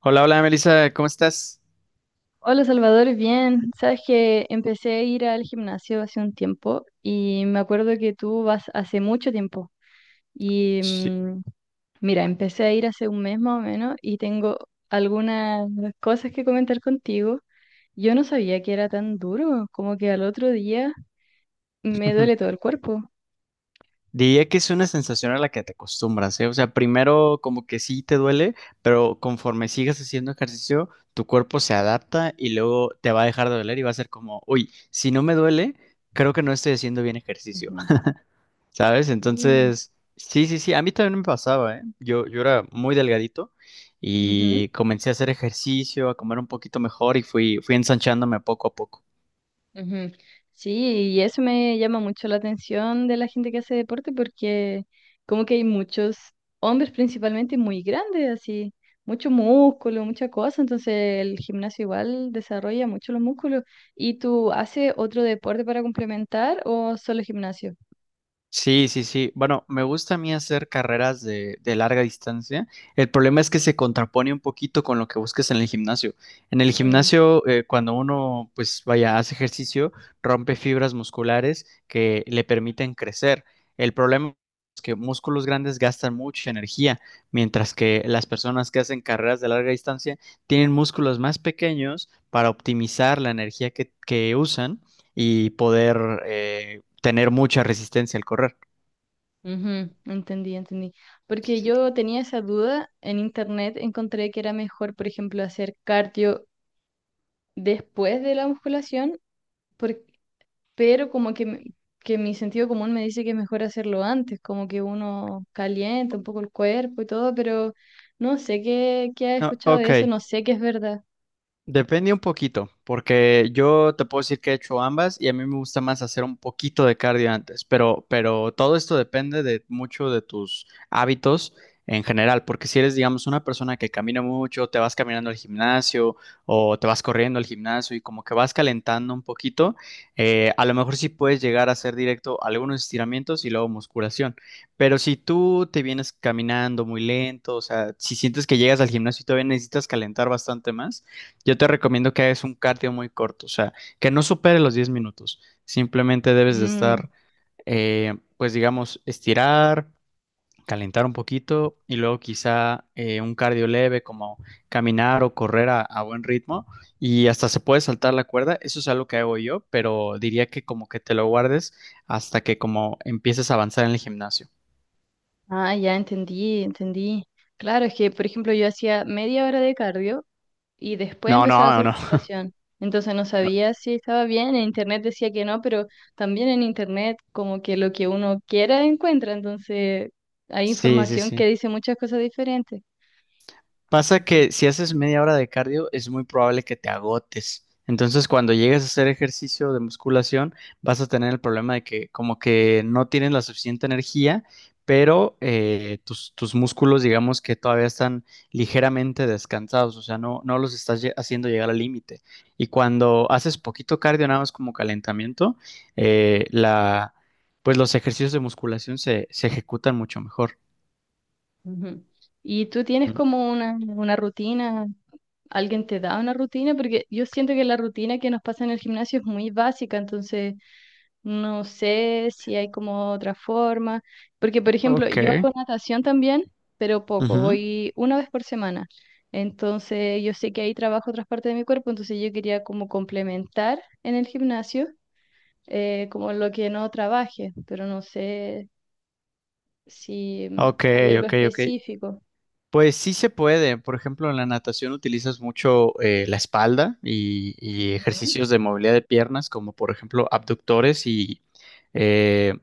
Hola, hola Melissa, ¿cómo estás? Hola Salvador, bien. Sabes que empecé a ir al gimnasio hace un tiempo y me acuerdo que tú vas hace mucho tiempo. Y Sí. Mira, empecé a ir hace un mes más o menos y tengo algunas cosas que comentar contigo. Yo no sabía que era tan duro, como que al otro día me duele todo el cuerpo. Diría que es una sensación a la que te acostumbras, ¿eh? O sea, primero como que sí te duele, pero conforme sigas haciendo ejercicio, tu cuerpo se adapta y luego te va a dejar de doler y va a ser como, uy, si no me duele, creo que no estoy haciendo bien ejercicio. Ujú. ¿Sabes? Sí. Entonces, sí, sí, sí, a mí también me pasaba, ¿eh? Yo era muy delgadito Ujú. y comencé a hacer ejercicio, a comer un poquito mejor y fui ensanchándome poco a poco. Ujú. Sí, y eso me llama mucho la atención de la gente que hace deporte porque como que hay muchos hombres principalmente muy grandes, así, mucho músculo, mucha cosa, entonces el gimnasio igual desarrolla mucho los músculos. ¿Y tú haces otro deporte para complementar o solo gimnasio? Sí, sí, sí. Bueno, me gusta a mí hacer carreras de larga distancia. El problema es que se contrapone un poquito con lo que busques en el gimnasio. En el Mm. gimnasio, cuando uno, pues vaya, hace ejercicio, rompe fibras musculares que le permiten crecer. El problema es que músculos grandes gastan mucha energía, mientras que las personas que hacen carreras de larga distancia tienen músculos más pequeños para optimizar la energía que usan y poder, eh, tener mucha resistencia al correr. Ujú. Entendí, entendí. Porque yo tenía esa duda, en internet encontré que era mejor, por ejemplo, hacer cardio después de la musculación, por- pero como que, que mi sentido común me dice que es mejor hacerlo antes, como que uno calienta un poco el cuerpo y todo, pero no sé qué ha No, escuchado de ok. eso, no sé qué es verdad. Depende un poquito, porque yo te puedo decir que he hecho ambas y a mí me gusta más hacer un poquito de cardio antes, pero todo esto depende de mucho de tus hábitos en general, porque si eres, digamos, una persona que camina mucho, te vas caminando al gimnasio o te vas corriendo al gimnasio y como que vas calentando un poquito, a lo mejor sí puedes llegar a hacer directo algunos estiramientos y luego musculación, pero si tú te vienes caminando muy lento, o sea, si sientes que llegas al gimnasio y todavía necesitas calentar bastante más, yo te recomiendo que hagas un cardio muy corto, o sea, que no supere los 10 minutos. Simplemente debes de Mm. estar, pues digamos, estirar, calentar un poquito y luego quizá un cardio leve como caminar o correr a buen ritmo y hasta se puede saltar la cuerda. Eso es algo que hago yo, pero diría que como que te lo guardes hasta que como empieces a avanzar en el gimnasio. Ah, ya entendí, entendí. Claro, es que, por ejemplo, yo hacía media hora de cardio y después No, empezaba a no, hacer no, no. musculación. Entonces no sabía si estaba bien, en internet decía que no, pero también en internet como que lo que uno quiera encuentra, entonces hay Sí, sí, información que sí. dice muchas cosas diferentes. Pasa que si haces media hora de cardio es muy probable que te agotes. Entonces, cuando llegues a hacer ejercicio de musculación, vas a tener el problema de que como que no tienes la suficiente energía, pero tus músculos, digamos que todavía están ligeramente descansados, o sea, no los estás haciendo llegar al límite. Y cuando haces poquito cardio, nada más como calentamiento, eh, la, pues los ejercicios de musculación se ejecutan mucho mejor. Ujú. ¿Y tú tienes Mm. como una rutina? ¿Alguien te da una rutina? Porque yo siento que la rutina que nos pasa en el gimnasio es muy básica, entonces no sé si hay como otra forma. Porque, por ejemplo, yo Ok. hago natación también, pero poco, Ujú. voy una vez por semana. Entonces yo sé que ahí trabajo otras partes de mi cuerpo, entonces yo quería como complementar en el gimnasio como lo que no trabaje, pero no sé si Ok, hay algo ok, ok. específico. Pues sí se puede. Por ejemplo, en la natación utilizas mucho la espalda y Ujú, ejercicios de movilidad de piernas, como por ejemplo abductores y eh,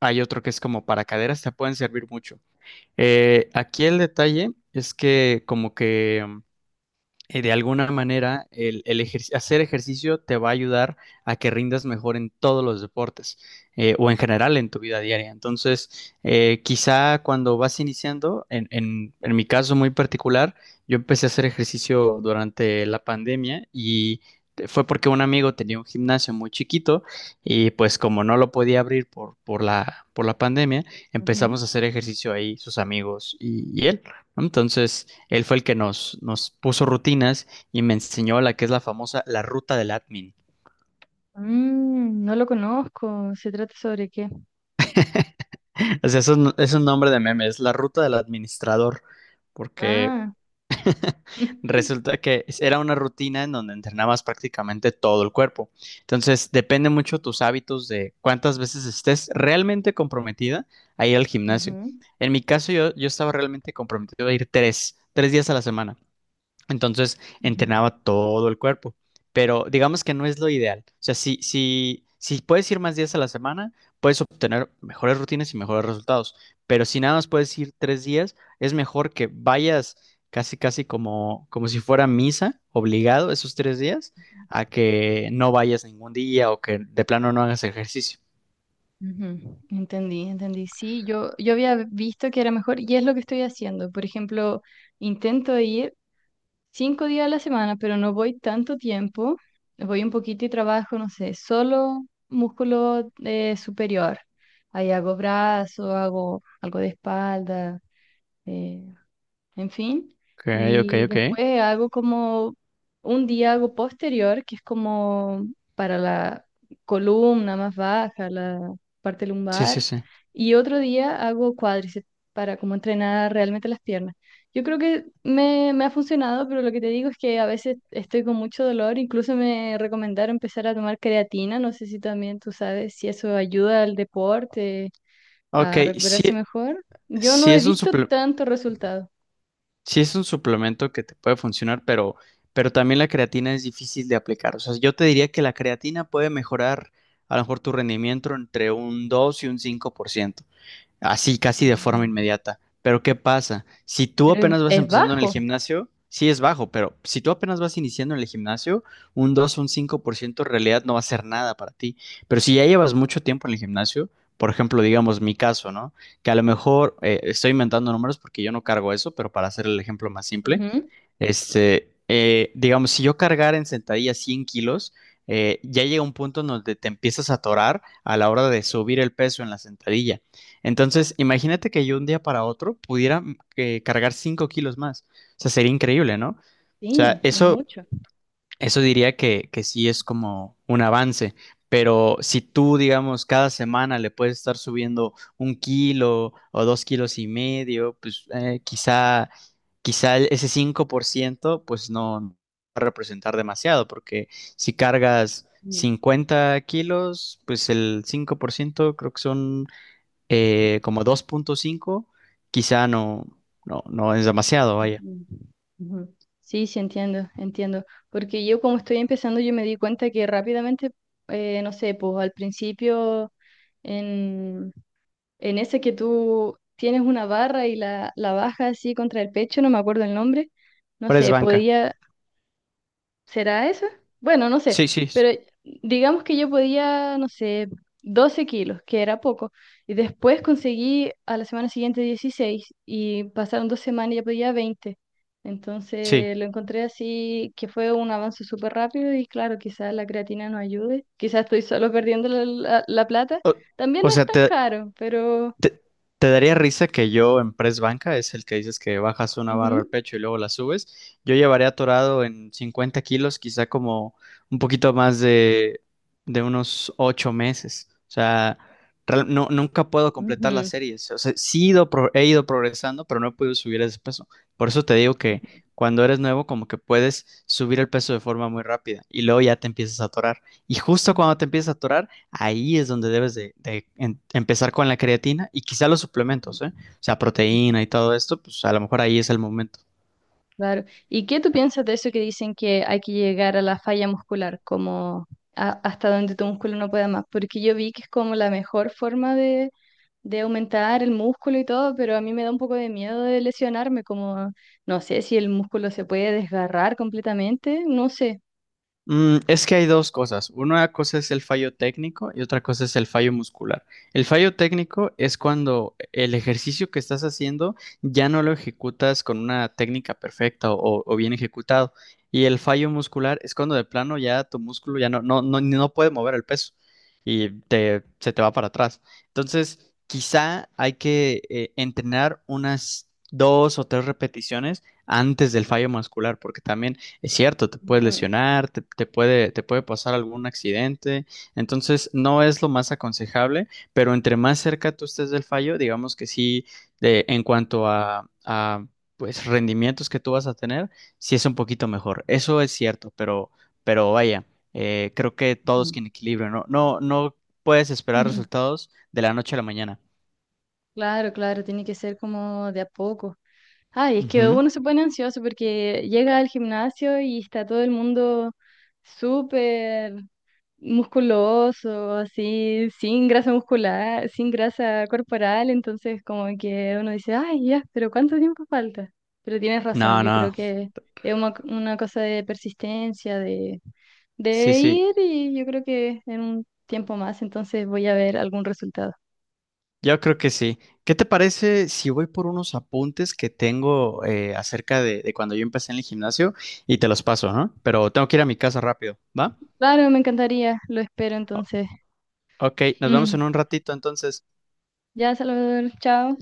hay otro que es como para caderas, te pueden servir mucho. Aquí el detalle es que como que de alguna manera, hacer ejercicio te va a ayudar a que rindas mejor en todos los deportes, o en general en tu vida diaria. Entonces, quizá cuando vas iniciando, en mi caso muy particular, yo empecé a hacer ejercicio durante la pandemia y fue porque un amigo tenía un gimnasio muy chiquito y pues como no lo podía abrir por la pandemia, ujú. empezamos a hacer ejercicio ahí sus amigos y él. ¿No? Entonces, él fue el que nos puso rutinas y me enseñó la que es la famosa la ruta del admin. Mm, no lo conozco. ¿Se trata sobre qué? O sea, eso es un nombre de meme, es la ruta del administrador, porque Ah. resulta que era una rutina en donde entrenabas prácticamente todo el cuerpo. Entonces, depende mucho tus hábitos de cuántas veces estés realmente comprometida a ir al gimnasio. Ujú, En mi caso, yo estaba realmente comprometido a ir tres días a la semana. Entonces ujú, entrenaba todo el cuerpo, pero digamos que no es lo ideal. O sea, si puedes ir más días a la semana, puedes obtener mejores rutinas y mejores resultados, pero si nada más puedes ir 3 días, es mejor que vayas casi, casi como si fuera misa, obligado esos 3 días, a que no vayas ningún día o que de plano no hagas ejercicio. ujú. Entendí, entendí. Sí, yo había visto que era mejor y es lo que estoy haciendo. Por ejemplo, intento ir 5 días a la semana, pero no voy tanto tiempo. Voy un poquito y trabajo, no sé, solo músculo superior. Ahí hago brazo, hago algo de espalda, eh, en fin. Ok, ok, Y ok. después hago como un día hago posterior, que es como para la columna más baja, la parte Sí, sí, lumbar, sí. y otro día hago cuádriceps para como entrenar realmente las piernas. Yo creo que me ha funcionado, pero lo que te digo es que a veces estoy con mucho dolor, incluso me recomendaron empezar a tomar creatina, no sé si también tú sabes si eso ayuda al deporte Ok, a sí, recuperarse mejor. Yo no sí he es un visto suplemento. tanto resultado. Sí, es un suplemento que te puede funcionar, pero también la creatina es difícil de aplicar. O sea, yo te diría que la creatina puede mejorar a lo mejor tu rendimiento entre un 2 y un 5% así casi de forma Mm. inmediata. Pero ¿qué pasa? Si tú Pero es, apenas vas es empezando en el bajo. gimnasio, sí es bajo, pero si tú apenas vas iniciando en el gimnasio, un 2 un 5% en realidad no va a ser nada para ti. Pero si ya llevas mucho tiempo en el gimnasio, por ejemplo, digamos mi caso, ¿no? Que a lo mejor estoy inventando números porque yo no cargo eso, pero para hacer el ejemplo más simple, Ujú. Digamos, si yo cargara en sentadilla 100 kilos, ya llega un punto en donde te empiezas a atorar a la hora de subir el peso en la sentadilla. Entonces, imagínate que yo un día para otro pudiera cargar 5 kilos más. O sea, sería increíble, ¿no? O sea, Sí, es eso mucho. eso diría que sí es como un avance, pero si tú, digamos, cada semana le puedes estar subiendo 1 kilo o 2 kilos y medio, pues quizá ese 5% pues no va a representar demasiado, porque si cargas Mm. 50 kilos, pues el 5% creo que son como 2,5 quizá no, no, no es demasiado, vaya. Ujú. Ujú. Sí, sí, entiendo, entiendo. Porque yo como estoy empezando, yo me di cuenta que rápidamente, no sé, pues al principio, en, en ese que tú tienes una barra y la bajas así contra el pecho, no me acuerdo el nombre, no Pero es sé, banca. podía. ¿Será eso? Bueno, no sé, Sí, sí, pero digamos que yo podía, no sé, 12 kilos, que era poco, y después conseguí a la semana siguiente 16 y pasaron 2 semanas y ya podía 20. sí. Entonces lo encontré así, que fue un avance súper rápido y claro, quizás la creatina no ayude, quizás estoy solo perdiendo la plata. O, También o no es sea, tan caro, pero. ¿Te, te daría risa que yo en press banca, es el que dices que bajas una barra Ujú. al pecho y luego la subes? Yo llevaría atorado en 50 kilos, quizá como un poquito más de unos 8 meses. O sea, no, nunca puedo completar las series. O sea, he ido progresando, pero no he podido subir ese peso. Por eso te digo que cuando eres nuevo, como que puedes subir el peso de forma muy rápida y luego ya te empiezas a atorar. Y justo cuando te empiezas a atorar, ahí es donde debes de empezar con la creatina y quizá los suplementos, ¿eh? O sea, Ujú. proteína y todo esto, pues a lo mejor ahí es el momento. Claro. ¿Y qué tú piensas de eso que dicen que hay que llegar a la falla muscular, como hasta donde tu músculo no pueda más? Porque yo vi que es como la mejor forma de aumentar el músculo y todo, pero a mí me da un poco de miedo de lesionarme, como no sé si el músculo se puede desgarrar completamente, no sé. Es que hay dos cosas. Una cosa es el fallo técnico y otra cosa es el fallo muscular. El fallo técnico es cuando el ejercicio que estás haciendo ya no lo ejecutas con una técnica perfecta o bien ejecutado. Y el fallo muscular es cuando de plano ya tu músculo ya no puede mover el peso y se te va para atrás. Entonces, quizá hay que entrenar unas 2 o 3 repeticiones antes del fallo muscular, porque también es cierto, te puedes Ujú, lesionar, te puede pasar algún accidente, entonces no es lo más aconsejable, pero entre más cerca tú estés del fallo, digamos que sí, en cuanto a pues rendimientos que tú vas a tener, sí es un poquito mejor. Eso es cierto, pero vaya, creo que todo es ujú. que en equilibrio, no puedes esperar Ujú. resultados de la noche a la mañana. Claro, claro, tiene que ser como de a poco. Ay, es que Ujú. uno se pone ansioso porque llega al gimnasio y está todo el mundo súper musculoso, así, sin grasa muscular, sin grasa corporal, entonces como que uno dice, ay, ya, pero ¿cuánto tiempo falta? Pero tienes razón, No, yo creo no, que es una cosa de persistencia, de, sí, de sí. ir y yo creo que en un tiempo más, entonces voy a ver algún resultado. Yo creo que sí. ¿Qué te parece si voy por unos apuntes que tengo acerca de cuando yo empecé en el gimnasio y te los paso, ¿no? Pero tengo que ir a mi casa rápido, ¿va? Claro, me encantaría, lo espero O- entonces. ok, nos vemos en un ratito entonces. Ya, Salvador, chao.